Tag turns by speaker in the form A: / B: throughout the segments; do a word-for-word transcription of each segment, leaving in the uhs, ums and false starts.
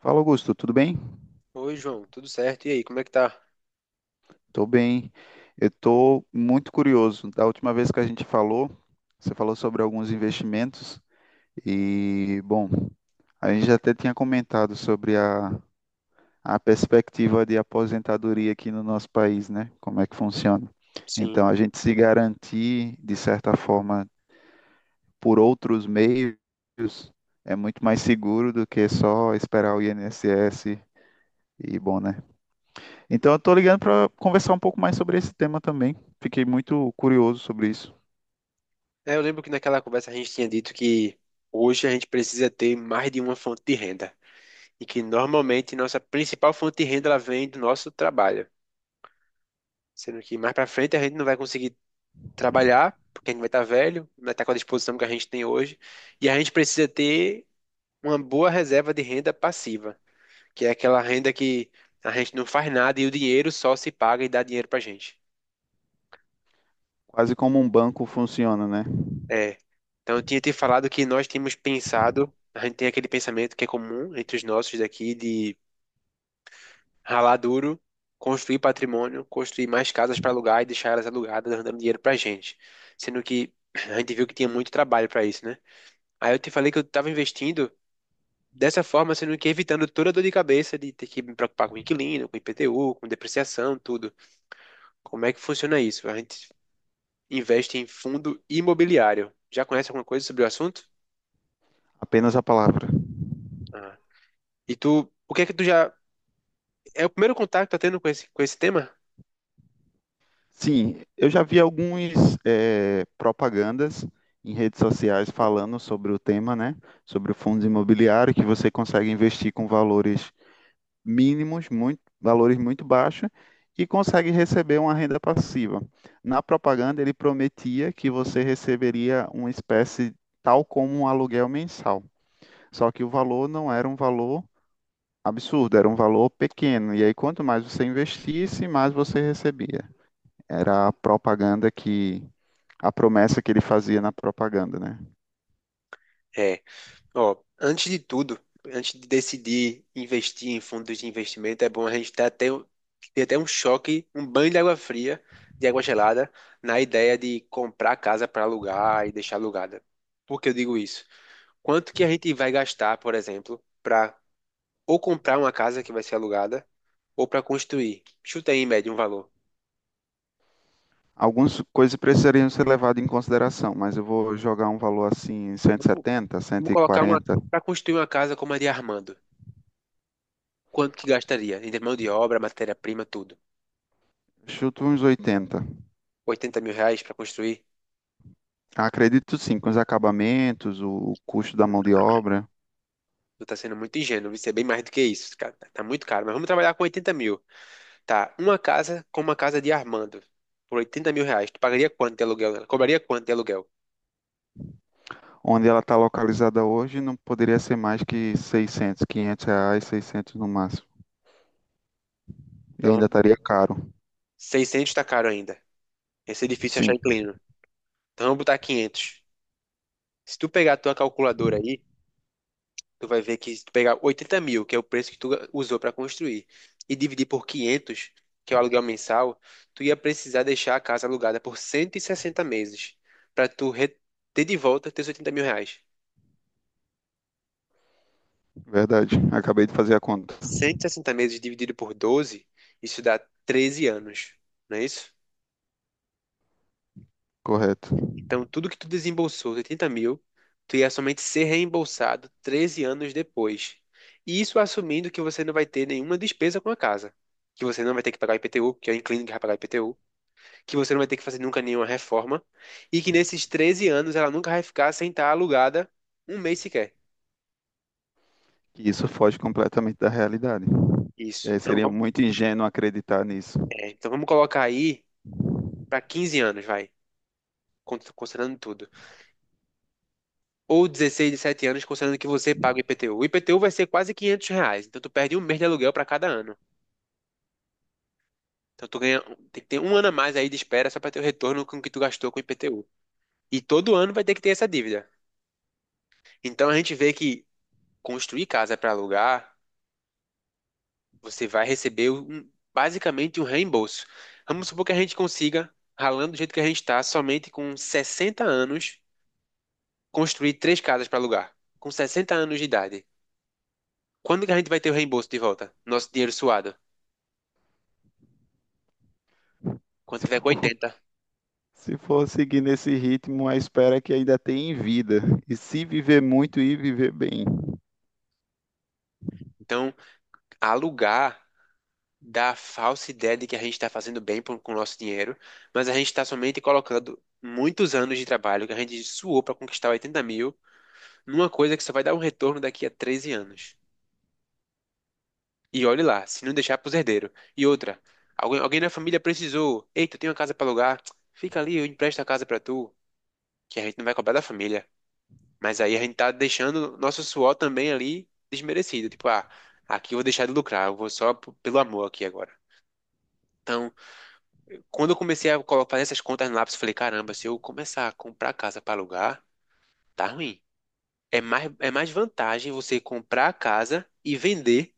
A: Fala, Augusto, tudo bem?
B: Oi, João, tudo certo? E aí, como é que tá?
A: Tô bem. Eu tô muito curioso. Da última vez que a gente falou, você falou sobre alguns investimentos e, bom, a gente já até tinha comentado sobre a, a perspectiva de aposentadoria aqui no nosso país, né? Como é que funciona. Então,
B: Sim.
A: a gente se garantir, de certa forma, por outros meios é muito mais seguro do que só esperar o I N S S e, bom, né? Então eu tô ligando para conversar um pouco mais sobre esse tema também. Fiquei muito curioso sobre isso.
B: É, eu lembro que naquela conversa a gente tinha dito que hoje a gente precisa ter mais de uma fonte de renda e que normalmente nossa principal fonte de renda ela vem do nosso trabalho, sendo que mais pra frente a gente não vai conseguir trabalhar porque a gente vai estar velho, não vai estar com a disposição que a gente tem hoje e a gente precisa ter uma boa reserva de renda passiva, que é aquela renda que a gente não faz nada e o dinheiro só se paga e dá dinheiro pra gente.
A: Quase como um banco funciona, né?
B: É. Então, eu tinha te falado que nós tínhamos pensado, a gente tem aquele pensamento que é comum entre os nossos daqui de ralar duro, construir patrimônio, construir mais casas para alugar e deixar elas alugadas, dando dinheiro pra gente. Sendo que a gente viu que tinha muito trabalho para isso, né? Aí eu te falei que eu estava investindo dessa forma, sendo que evitando toda a dor de cabeça de ter que me preocupar com inquilino, com I P T U, com depreciação, tudo. Como é que funciona isso? A gente investe em fundo imobiliário. Já conhece alguma coisa sobre o assunto?
A: Apenas a palavra.
B: E tu, o que é que tu já. É o primeiro contato que tá tendo com esse, com esse tema?
A: Sim, eu já vi algumas propagandas em redes sociais falando sobre o tema, né? Sobre o fundo imobiliário, que você consegue investir com valores mínimos, muito, valores muito baixos, e consegue receber uma renda passiva. Na propaganda, ele prometia que você receberia uma espécie tal como um aluguel mensal. Só que o valor não era um valor absurdo, era um valor pequeno. E aí, quanto mais você investisse, mais você recebia. Era a propaganda que. A promessa que ele fazia na propaganda, né?
B: É, ó, antes de tudo, antes de decidir investir em fundos de investimento, é bom a gente ter até, um- ter até um choque, um banho de água fria, de água gelada, na ideia de comprar casa para alugar e deixar alugada. Por que eu digo isso? Quanto que a gente vai gastar, por exemplo, para ou comprar uma casa que vai ser alugada, ou para construir? Chuta aí, em média, um valor.
A: Algumas coisas precisariam ser levadas em consideração, mas eu vou jogar um valor assim,
B: Vamos,
A: cento e setenta,
B: vamos colocar uma.
A: cento e quarenta,
B: Para construir uma casa como a de Armando. Quanto que gastaria? Em mão de obra, matéria-prima, tudo.
A: chuto uns oitenta.
B: Oitenta mil reais pra construir?
A: Acredito sim, com os acabamentos, o o custo da mão de obra,
B: Tu tá sendo muito ingênuo, isso é bem mais do que isso, cara. Tá tá muito caro, mas vamos trabalhar com oitenta mil. Tá, uma casa com uma casa de Armando. Por oitenta mil reais, tu pagaria quanto de aluguel nela? Cobraria quanto de aluguel?
A: onde ela está localizada hoje, não poderia ser mais que seiscentos, quinhentos reais, seiscentos no máximo. E ainda
B: Então,
A: estaria caro.
B: seiscentos. Tá caro ainda. Esse é difícil achar
A: Sim,
B: inquilino. Então, vamos botar quinhentos. Se tu pegar a tua calculadora aí, tu vai ver que se tu pegar oitenta mil, que é o preço que tu usou para construir, e dividir por quinhentos que é o aluguel mensal, tu ia precisar deixar a casa alugada por cento e sessenta meses para tu re- ter de volta teus oitenta mil reais.
A: verdade. Acabei de fazer a conta.
B: Cento e sessenta meses dividido por doze isso dá treze anos, não é isso?
A: Correto.
B: Então, tudo que tu desembolsou, oitenta mil, tu ia somente ser reembolsado treze anos depois. E isso assumindo que você não vai ter nenhuma despesa com a casa. Que você não vai ter que pagar I P T U, que é o inquilino que vai pagar I P T U. Que você não vai ter que fazer nunca nenhuma reforma, e que nesses treze anos ela nunca vai ficar sem estar alugada um mês sequer.
A: E isso foge completamente da realidade.
B: Isso.
A: É,
B: Então
A: seria
B: vamos,
A: muito ingênuo acreditar nisso.
B: é, então vamos colocar aí para quinze anos, vai, con- considerando tudo. Ou dezesseis, dezessete anos, considerando que você paga o I P T U. O I P T U vai ser quase quinhentos reais, então tu perde um mês de aluguel para cada ano. Então tu ganha, tem que ter um ano a mais aí de espera só para ter o retorno com o que tu gastou com o I P T U. E todo ano vai ter que ter essa dívida. Então a gente vê que construir casa para alugar você vai receber um- basicamente um reembolso. Vamos supor que a gente consiga, ralando do jeito que a gente está, somente com sessenta anos, construir três casas para alugar. Com sessenta anos de idade. Quando que a gente vai ter o reembolso de volta? Nosso dinheiro suado. Quando
A: Se
B: tiver com
A: for,
B: oitenta.
A: se for seguir nesse ritmo, a espera é que ainda tem em vida. E se viver muito e viver bem.
B: Então, alugar dá a falsa ideia de que a gente está fazendo bem por- com o nosso dinheiro, mas a gente está somente colocando muitos anos de trabalho que a gente suou para conquistar oitenta mil numa coisa que só vai dar um retorno daqui a treze anos. E olhe lá, se não deixar pros herdeiros. E outra, alguém, alguém na família precisou. Eita, eu tenho uma casa pra alugar. Fica ali, eu empresto a casa pra tu. Que a gente não vai cobrar da família. Mas aí a gente tá deixando nosso suor também ali desmerecido. Tipo, ah, aqui eu vou deixar de lucrar, eu vou só p- pelo amor aqui agora. Então, quando eu comecei a colo- fazer essas contas no lápis, eu falei, caramba, se eu começar a comprar casa pra alugar, tá ruim. É mais, é mais vantagem você comprar a casa e vender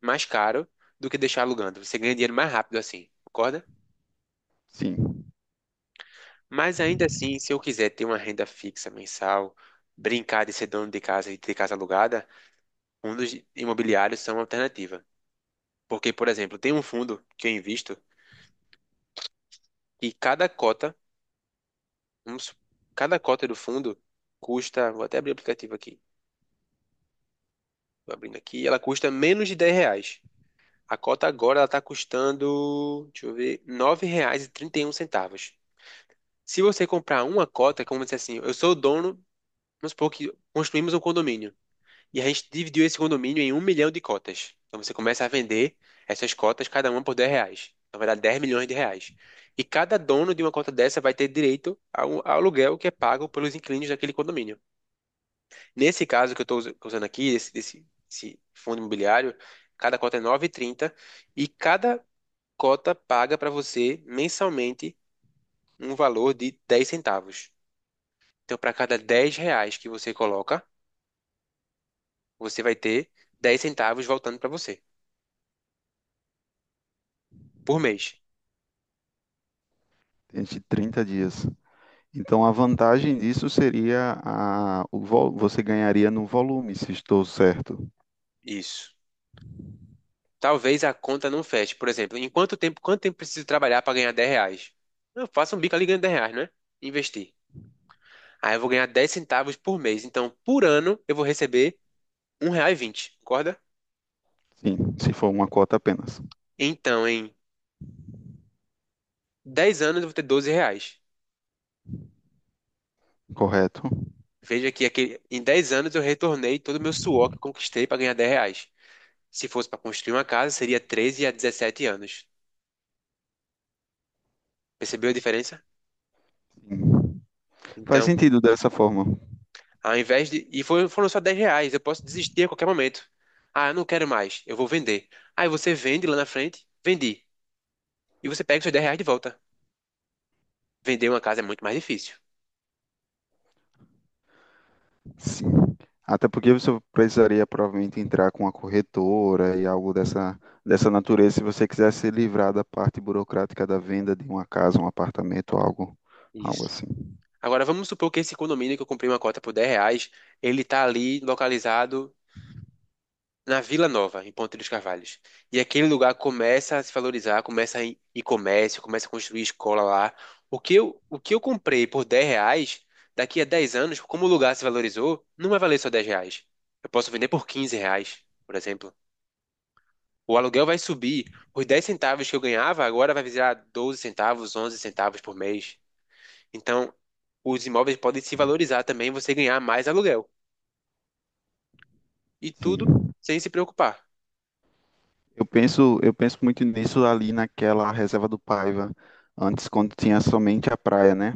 B: mais caro do que deixar alugando. Você ganha dinheiro mais rápido assim, concorda?
A: Sim,
B: Mas ainda assim, se eu quiser ter uma renda fixa mensal, brincar de ser dono de casa e ter casa alugada, fundos imobiliários são uma alternativa. Porque, por exemplo, tem um fundo que eu invisto e cada cota, vamos su- cada cota do fundo custa, vou até abrir o aplicativo aqui, vou abrindo aqui, ela custa menos de dez reais. A cota agora ela está custando, deixa eu ver, nove reais e e trinta e um centavos. Se você comprar uma cota, como se assim, eu sou o dono, vamos supor que construímos um condomínio. E a gente dividiu esse condomínio em um milhão de cotas. Então você começa a vender essas cotas, cada uma por dez reais. Na verdade, dez milhões de reais. E cada dono de uma cota dessa vai ter direito ao, ao aluguel que é pago pelos inquilinos daquele condomínio. Nesse caso que eu estou usando aqui, desse, desse, desse fundo imobiliário, cada cota é nove e trinta e trinta e cada cota paga para você mensalmente um valor de dez centavos. Então, para cada dez reais que você coloca, você vai ter dez centavos voltando para você por mês.
A: entre trinta dias. Então, a vantagem disso seria a, o, vol- você ganharia no volume, se estou certo.
B: Isso. Talvez a conta não feche. Por exemplo, em quanto tempo, quanto tempo preciso trabalhar para ganhar dez reais? Eu faço um bico ali e ganho dez reais, né? Investir. Aí eu vou ganhar dez centavos por mês. Então, por ano, eu vou receber um real e vinte. Concorda?
A: Sim, se for uma cota apenas.
B: Então, em dez anos, eu vou ter doze reais.
A: Correto?
B: Veja que aquele- em dez anos eu retornei todo o meu suor que eu conquistei para ganhar dez reais. Se fosse para construir uma casa, seria treze a dezessete anos. Percebeu a diferença?
A: Sim. Faz
B: Então,
A: sentido dessa forma.
B: ao invés de. E foi- foram só dez reais. Eu posso desistir a qualquer momento. Ah, eu não quero mais. Eu vou vender. Aí você vende lá na frente, vendi. E você pega os seus dez reais de volta. Vender uma casa é muito mais difícil.
A: Sim. Até porque você precisaria provavelmente entrar com a corretora e algo dessa, dessa natureza, se você quiser se livrar da parte burocrática da venda de uma casa, um apartamento, algo, algo
B: Isso.
A: assim.
B: Agora vamos supor que esse condomínio que eu comprei uma cota por dez reais, ele tá ali localizado na Vila Nova, em Ponte dos Carvalhos. E aquele lugar começa a se valorizar, começa a ir ir comércio, começa a construir escola lá. O que eu, o que eu comprei por dez reais, daqui a dez anos, como o lugar se valorizou, não vai valer só dez reais. Eu posso vender por quinze reais, por exemplo. O aluguel vai subir. Os dez centavos que eu ganhava agora vai virar doze centavos, onze centavos por mês. Então, os imóveis podem se valorizar também, você ganhar mais aluguel. E tudo
A: Sim.
B: sem se preocupar.
A: Eu penso, eu penso muito nisso ali naquela reserva do Paiva, antes quando tinha somente a praia, né?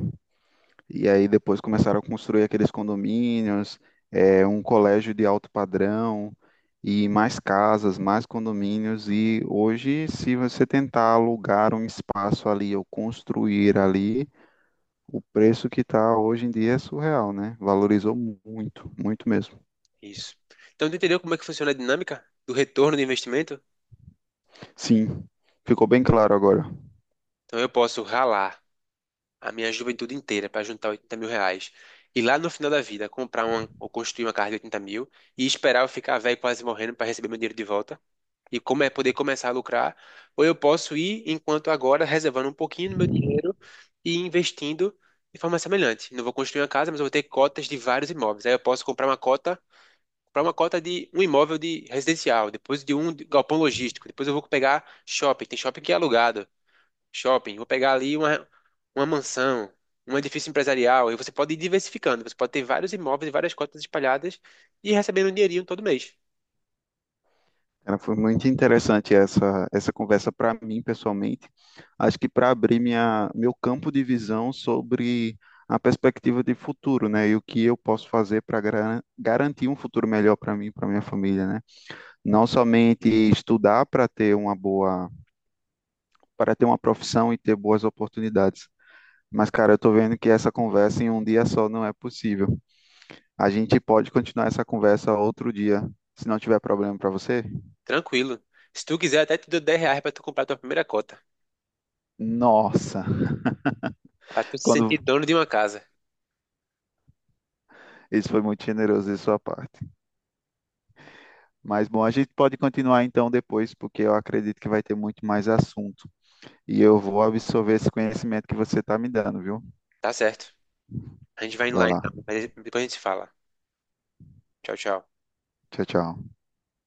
A: E aí depois começaram a construir aqueles condomínios, eh, um colégio de alto padrão e mais casas, mais condomínios. E hoje, se você tentar alugar um espaço ali ou construir ali, o preço que está hoje em dia é surreal, né? Valorizou mu- muito, muito mesmo.
B: Isso. Então, tu entendeu como é que funciona a dinâmica do retorno do investimento?
A: Sim, ficou bem claro agora.
B: Então, eu posso ralar a minha juventude inteira para juntar oitenta mil reais e lá no final da vida comprar uma, ou construir uma casa de oitenta mil e esperar eu ficar velho quase morrendo para receber meu dinheiro de volta e como é poder começar a lucrar. Ou eu posso ir enquanto agora reservando um pouquinho do meu dinheiro e investindo de forma semelhante. Não vou construir uma casa, mas eu vou ter cotas de vários imóveis. Aí eu posso comprar uma cota para uma cota de um imóvel de residencial, depois de um de galpão logístico, depois eu vou pegar shopping, tem shopping que é alugado, shopping, vou pegar ali uma, uma mansão, um edifício empresarial, e você pode ir diversificando, você pode ter vários imóveis e várias cotas espalhadas e ir recebendo um dinheirinho todo mês,
A: Cara, foi muito interessante essa, essa conversa para mim, pessoalmente. Acho que para abrir minha, meu campo de visão sobre a perspectiva de futuro, né? E o que eu posso fazer para garantir um futuro melhor para mim, e para minha família, né? Não somente estudar para ter uma boa, para ter uma profissão e ter boas oportunidades, mas, cara, eu tô vendo que essa conversa em um dia só não é possível. A gente pode continuar essa conversa outro dia, se não tiver problema pra você.
B: tranquilo. Se tu quiser, até te dou dez reais para tu comprar a tua primeira cota,
A: Nossa,
B: para tu se
A: quando
B: sentir dono de uma casa,
A: isso foi muito generoso de sua parte. Mas bom, a gente pode continuar então depois, porque eu acredito que vai ter muito mais assunto. E eu vou absorver esse conhecimento que você tá me dando, viu?
B: tá certo? A gente vai indo
A: Vai
B: lá
A: lá.
B: então, mas depois a gente se fala. Tchau, tchau.
A: Tchau, tchau.